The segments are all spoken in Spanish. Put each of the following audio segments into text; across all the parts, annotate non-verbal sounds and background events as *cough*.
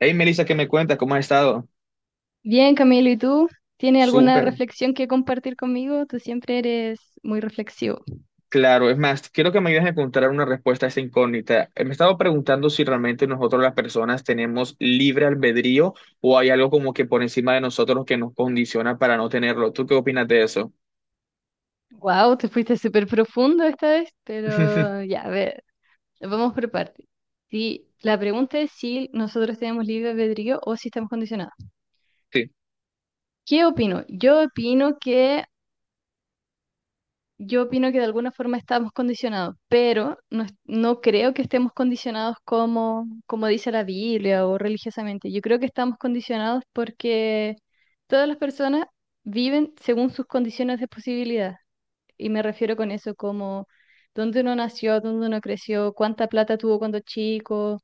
Hey, Melissa, ¿qué me cuentas? ¿Cómo has estado? Bien, Camilo, ¿y tú? ¿Tienes alguna Súper, reflexión que compartir conmigo? Tú siempre eres muy reflexivo. claro. Es más, quiero que me ayudes a encontrar una respuesta a esta incógnita. Me he estado preguntando si realmente nosotros las personas tenemos libre albedrío o hay algo como que por encima de nosotros que nos condiciona para no tenerlo. ¿Tú qué opinas de eso? Wow, te fuiste súper profundo esta vez, pero *laughs* ya, a ver, vamos por partes. Sí, la pregunta es si nosotros tenemos libre albedrío o si estamos condicionados. Sí. ¿Qué opino? Yo opino que de alguna forma estamos condicionados, pero no, no creo que estemos condicionados como dice la Biblia o religiosamente. Yo creo que estamos condicionados porque todas las personas viven según sus condiciones de posibilidad. Y me refiero con eso como dónde uno nació, dónde uno creció, cuánta plata tuvo cuando chico,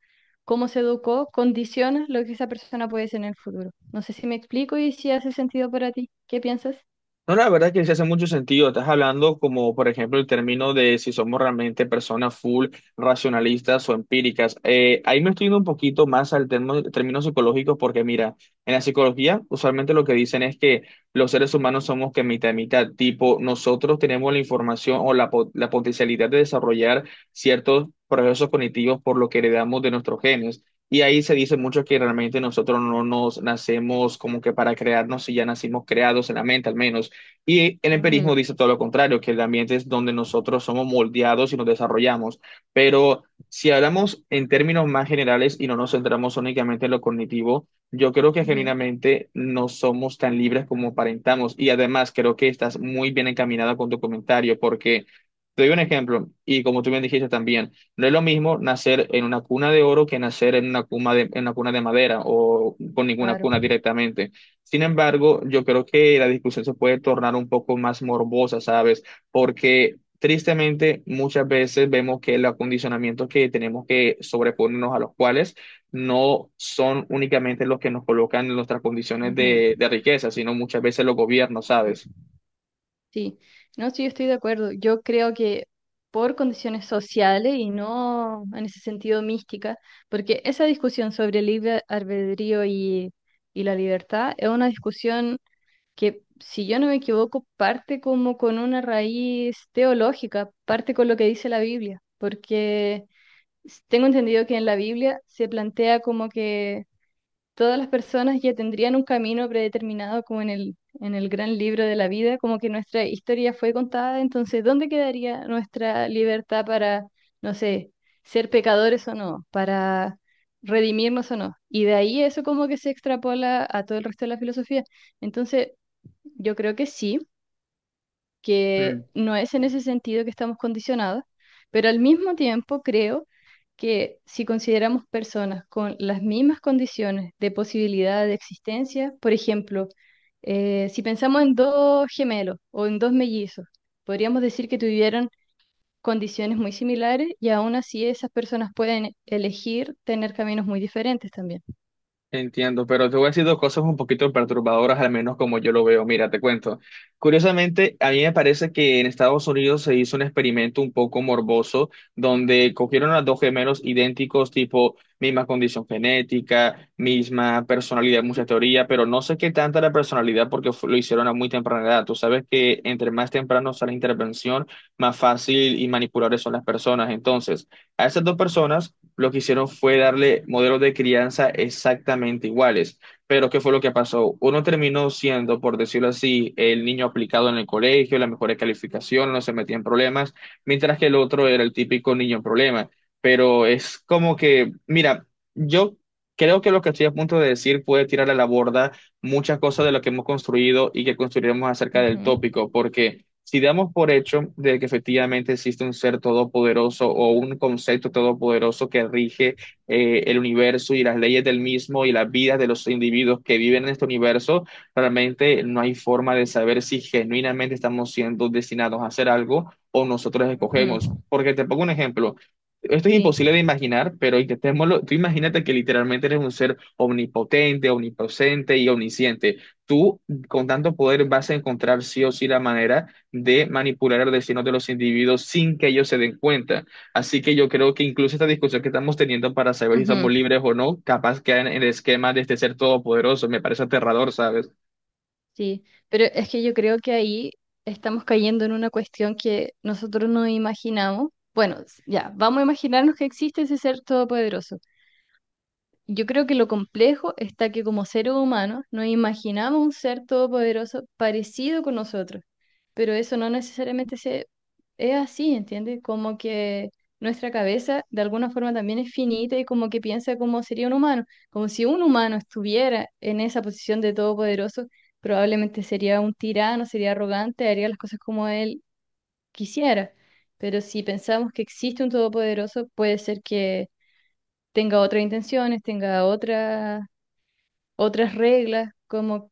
cómo se educó, condiciona lo que esa persona puede ser en el futuro. No sé si me explico y si hace sentido para ti. ¿Qué piensas? No, la verdad que sí hace mucho sentido. Estás hablando como, por ejemplo, el término de si somos realmente personas full racionalistas o empíricas. Ahí me estoy yendo un poquito más al término psicológico porque, mira, en la psicología usualmente lo que dicen es que los seres humanos somos que mitad y mitad, tipo, nosotros tenemos la información o la potencialidad de desarrollar ciertos procesos cognitivos por lo que heredamos de nuestros genes. Y ahí se dice mucho que realmente nosotros no nos nacemos como que para crearnos, si ya nacimos creados en la mente al menos, y el empirismo Ujú, dice todo lo contrario, que el ambiente es donde nosotros somos moldeados y nos desarrollamos. Pero si hablamos en términos más generales y no nos centramos únicamente en lo cognitivo, yo creo que ujú. genuinamente no somos tan libres como aparentamos. Y además creo que estás muy bien encaminada con tu comentario porque... Te doy un ejemplo, y como tú bien dijiste también, no es lo mismo nacer en una cuna de oro que nacer en en una cuna de madera o con ninguna Claro. cuna directamente. Sin embargo, yo creo que la discusión se puede tornar un poco más morbosa, ¿sabes? Porque tristemente muchas veces vemos que los acondicionamientos que tenemos que sobreponernos a los cuales no son únicamente los que nos colocan en nuestras condiciones Ujú, de riqueza, sino muchas veces los gobiernos, ujú. ¿sabes? Sí, no, sí, yo estoy de acuerdo. Yo creo que por condiciones sociales y no en ese sentido mística, porque esa discusión sobre el libre albedrío y la libertad es una discusión que, si yo no me equivoco, parte como con una raíz teológica, parte con lo que dice la Biblia, porque tengo entendido que en la Biblia se plantea como que todas las personas ya tendrían un camino predeterminado como en el gran libro de la vida, como que nuestra historia fue contada, entonces, ¿dónde quedaría nuestra libertad para, no sé, ser pecadores o no, para redimirnos o no? Y de ahí eso como que se extrapola a todo el resto de la filosofía. Entonces, yo creo que sí, que no es en ese sentido que estamos condicionados, pero al mismo tiempo creo que si consideramos personas con las mismas condiciones de posibilidad de existencia, por ejemplo, si pensamos en dos gemelos o en dos mellizos, podríamos decir que tuvieron condiciones muy similares y aún así esas personas pueden elegir tener caminos muy diferentes también. Entiendo, pero te voy a decir dos cosas un poquito perturbadoras, al menos como yo lo veo. Mira, te cuento. Curiosamente, a mí me parece que en Estados Unidos se hizo un experimento un poco morboso, donde cogieron a dos gemelos idénticos, tipo misma condición genética, misma personalidad, mucha teoría, pero no sé qué tanta la personalidad porque lo hicieron a muy temprana edad. Tú sabes que entre más temprano sea la intervención, más fácil y manipulables son las personas. Entonces, a esas dos personas lo que hicieron fue darle modelos de crianza exactamente iguales. Pero ¿qué fue lo que pasó? Uno terminó siendo, por decirlo así, el niño aplicado en el colegio, la mejor calificación, no se metía en problemas, mientras que el otro era el típico niño en problema. Pero es como que, mira, yo creo que lo que estoy a punto de decir puede tirar a la borda muchas cosas de lo que hemos construido y que construiremos acerca del Ujú, tópico, porque si damos por hecho de que efectivamente existe un ser todopoderoso o un concepto todopoderoso que rige el universo y las leyes del mismo y las vidas de los individuos que viven en este universo, realmente no hay forma de saber si genuinamente estamos siendo destinados a hacer algo o nosotros ujú. escogemos. Porque te pongo un ejemplo. Esto es Sí, imposible de imaginar, pero intentémoslo. Tú imagínate que literalmente eres un ser omnipotente, omnipresente y omnisciente. Tú, con tanto poder, vas a encontrar sí o sí la manera de manipular el destino de los individuos sin que ellos se den cuenta. Así que yo creo que incluso esta discusión que estamos teniendo para saber si somos ujú. libres o no, capaz queda en el esquema de este ser todopoderoso. Me parece aterrador, ¿sabes? Sí, pero es que yo creo que ahí estamos cayendo en una cuestión que nosotros no imaginamos. Bueno, ya, vamos a imaginarnos que existe ese ser todopoderoso. Yo creo que lo complejo está que como seres humanos nos imaginamos un ser todopoderoso parecido con nosotros, pero eso no necesariamente es así, ¿entiendes? Como que nuestra cabeza de alguna forma también es finita y como que piensa como sería un humano, como si un humano estuviera en esa posición de todopoderoso, probablemente sería un tirano, sería arrogante, haría las cosas como él quisiera, pero si pensamos que existe un todopoderoso, puede ser que tenga otras intenciones, tenga otras reglas, como,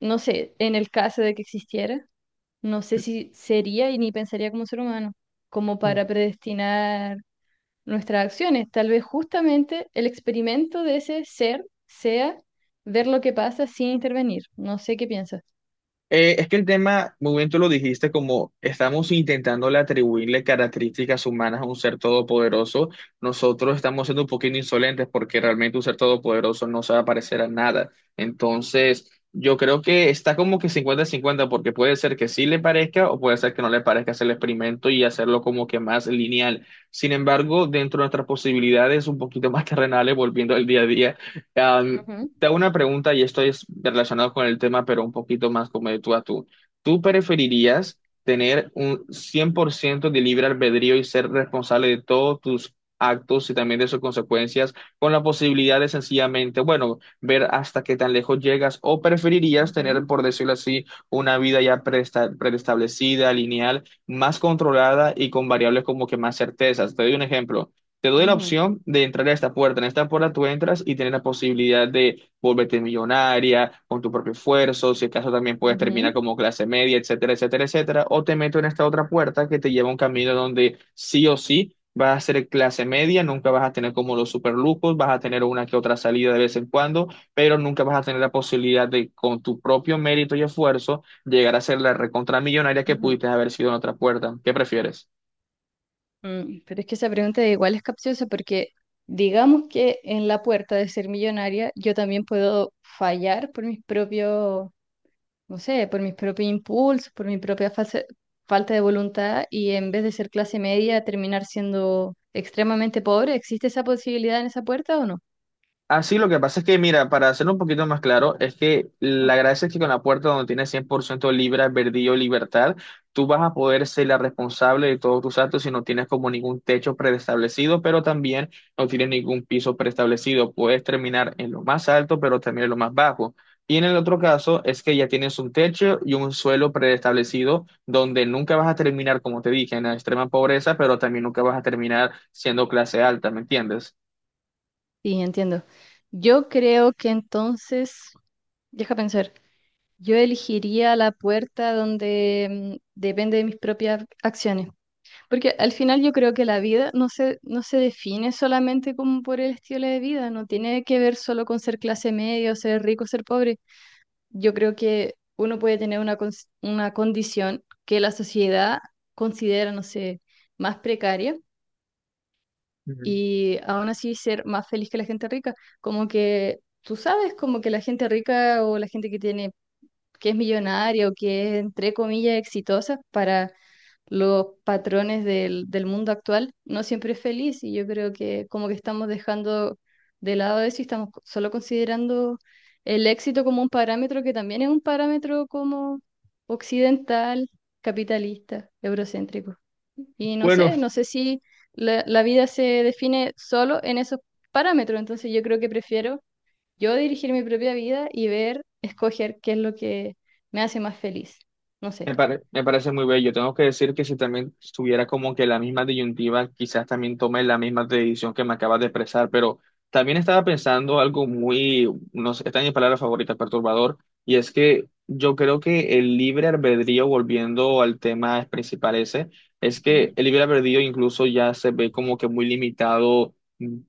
no sé, en el caso de que existiera, no sé si sería y ni pensaría como ser humano, como para predestinar nuestras acciones. Tal vez justamente el experimento de ese ser sea ver lo que pasa sin intervenir. No sé qué piensas. Es que el tema, muy bien tú lo dijiste, como estamos intentando atribuirle características humanas a un ser todopoderoso, nosotros estamos siendo un poquito insolentes porque realmente un ser todopoderoso no se va a parecer a nada. Entonces, yo creo que está como que cincuenta-cincuenta porque puede ser que sí le parezca o puede ser que no le parezca hacer el experimento y hacerlo como que más lineal. Sin embargo, dentro de nuestras posibilidades un poquito *laughs* más terrenales, volviendo al día a día. Ujú, Te hago una pregunta y esto es relacionado con el tema, pero un poquito más como de tú a tú. ¿Tú preferirías tener un 100% de libre albedrío y ser responsable de todos tus actos y también de sus consecuencias con la posibilidad de sencillamente, bueno, ver hasta qué tan lejos llegas? ¿O preferirías tener, ujú, por decirlo así, una vida ya preestablecida, lineal, más controlada y con variables como que más certezas? Te doy un ejemplo. Te doy la ujú, opción de entrar a esta puerta. En esta puerta tú entras y tienes la posibilidad de volverte millonaria con tu propio esfuerzo, si acaso también puedes ujú, terminar como clase media, etcétera, etcétera, etcétera, o te meto en esta otra puerta que te lleva a un camino donde sí o sí vas a ser clase media, nunca vas a tener como los superlujos, vas a tener una que otra salida de vez en cuando, pero nunca vas a tener la posibilidad de con tu propio mérito y esfuerzo llegar a ser la recontra millonaria que ujú. pudiste haber sido en otra puerta. ¿Qué prefieres? Mm, pero es que esa pregunta de igual es capciosa porque digamos que en la puerta de ser millonaria yo también puedo fallar por mis propios, no sé, por mis propios impulsos, por mi propia falta de voluntad y en vez de ser clase media terminar siendo extremadamente pobre. ¿Existe esa posibilidad en esa puerta o no? Así lo que pasa es que, mira, para hacerlo un poquito más claro, es que la gracia es que con la puerta donde tienes 100% Libra, Verdillo, Libertad, tú vas a poder ser la responsable de todos tus actos si no tienes como ningún techo preestablecido, pero también no tienes ningún piso preestablecido. Puedes terminar en lo más alto, pero también en lo más bajo. Y en el otro caso es que ya tienes un techo y un suelo preestablecido donde nunca vas a terminar, como te dije, en la extrema pobreza, pero también nunca vas a terminar siendo clase alta, ¿me entiendes? Sí, entiendo. Yo creo que entonces, deja pensar, yo elegiría la puerta donde mm, depende de mis propias acciones. Porque al final yo creo que la vida no se define solamente como por el estilo de vida, no tiene que ver solo con ser clase media, o ser rico, ser pobre. Yo creo que uno puede tener una, una condición que la sociedad considera, no sé, más precaria Ujú. y aún así ser más feliz que la gente rica. Como que tú sabes, como que la gente rica o la gente que tiene, que es millonaria o que es, entre comillas, exitosa para los patrones del mundo actual no siempre es feliz y yo creo que como que estamos dejando de lado eso y estamos solo considerando el éxito como un parámetro que también es un parámetro como occidental, capitalista, eurocéntrico. Y no Bueno, sé, no sé si la vida se define solo en esos parámetros, entonces yo creo que prefiero yo dirigir mi propia vida y ver, escoger qué es lo que me hace más feliz. No sé. Me parece muy bello. Tengo que decir que si también estuviera como que la misma disyuntiva, quizás también tome la misma decisión que me acabas de expresar, pero también estaba pensando algo muy, no sé, está en mi palabra favorita, perturbador, y es que yo creo que el libre albedrío, volviendo al tema principal ese, es Ujú. que el libre albedrío incluso ya se ve como que muy limitado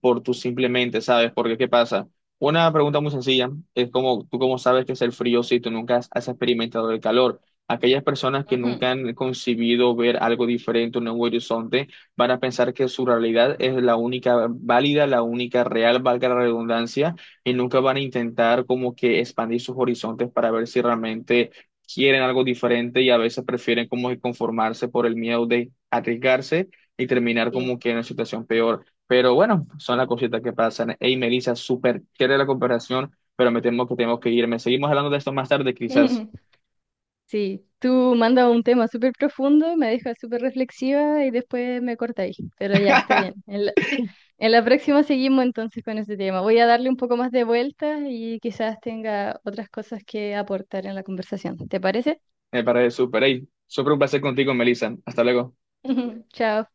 por tu simplemente, ¿sabes? Porque ¿qué pasa? Una pregunta muy sencilla, es como, ¿tú cómo sabes qué es el frío si tú nunca has experimentado el calor? Aquellas personas que Ujú. nunca han concebido ver algo diferente, un nuevo horizonte, van a pensar que su realidad es la única válida, la única real, valga la redundancia, y nunca van a intentar como que expandir sus horizontes para ver si realmente quieren algo diferente y a veces prefieren como que conformarse por el miedo de arriesgarse y terminar Sí, como que en una situación peor. Pero bueno, son las sí. cositas que pasan. Hey, Melissa, súper chévere la comparación, pero me temo que tenemos que irme. Seguimos hablando de esto más tarde, quizás. *laughs* Sí, tú mandas un tema súper profundo, me dejas súper reflexiva y después me cortáis. Pero ya, está bien. *laughs* En la próxima seguimos entonces con ese tema. Voy a darle un poco más de vuelta y quizás tenga otras cosas que aportar en la conversación. ¿Te parece? Me parece súper. Hey, súper un placer contigo, Melissa. Hasta luego. *laughs* Chao.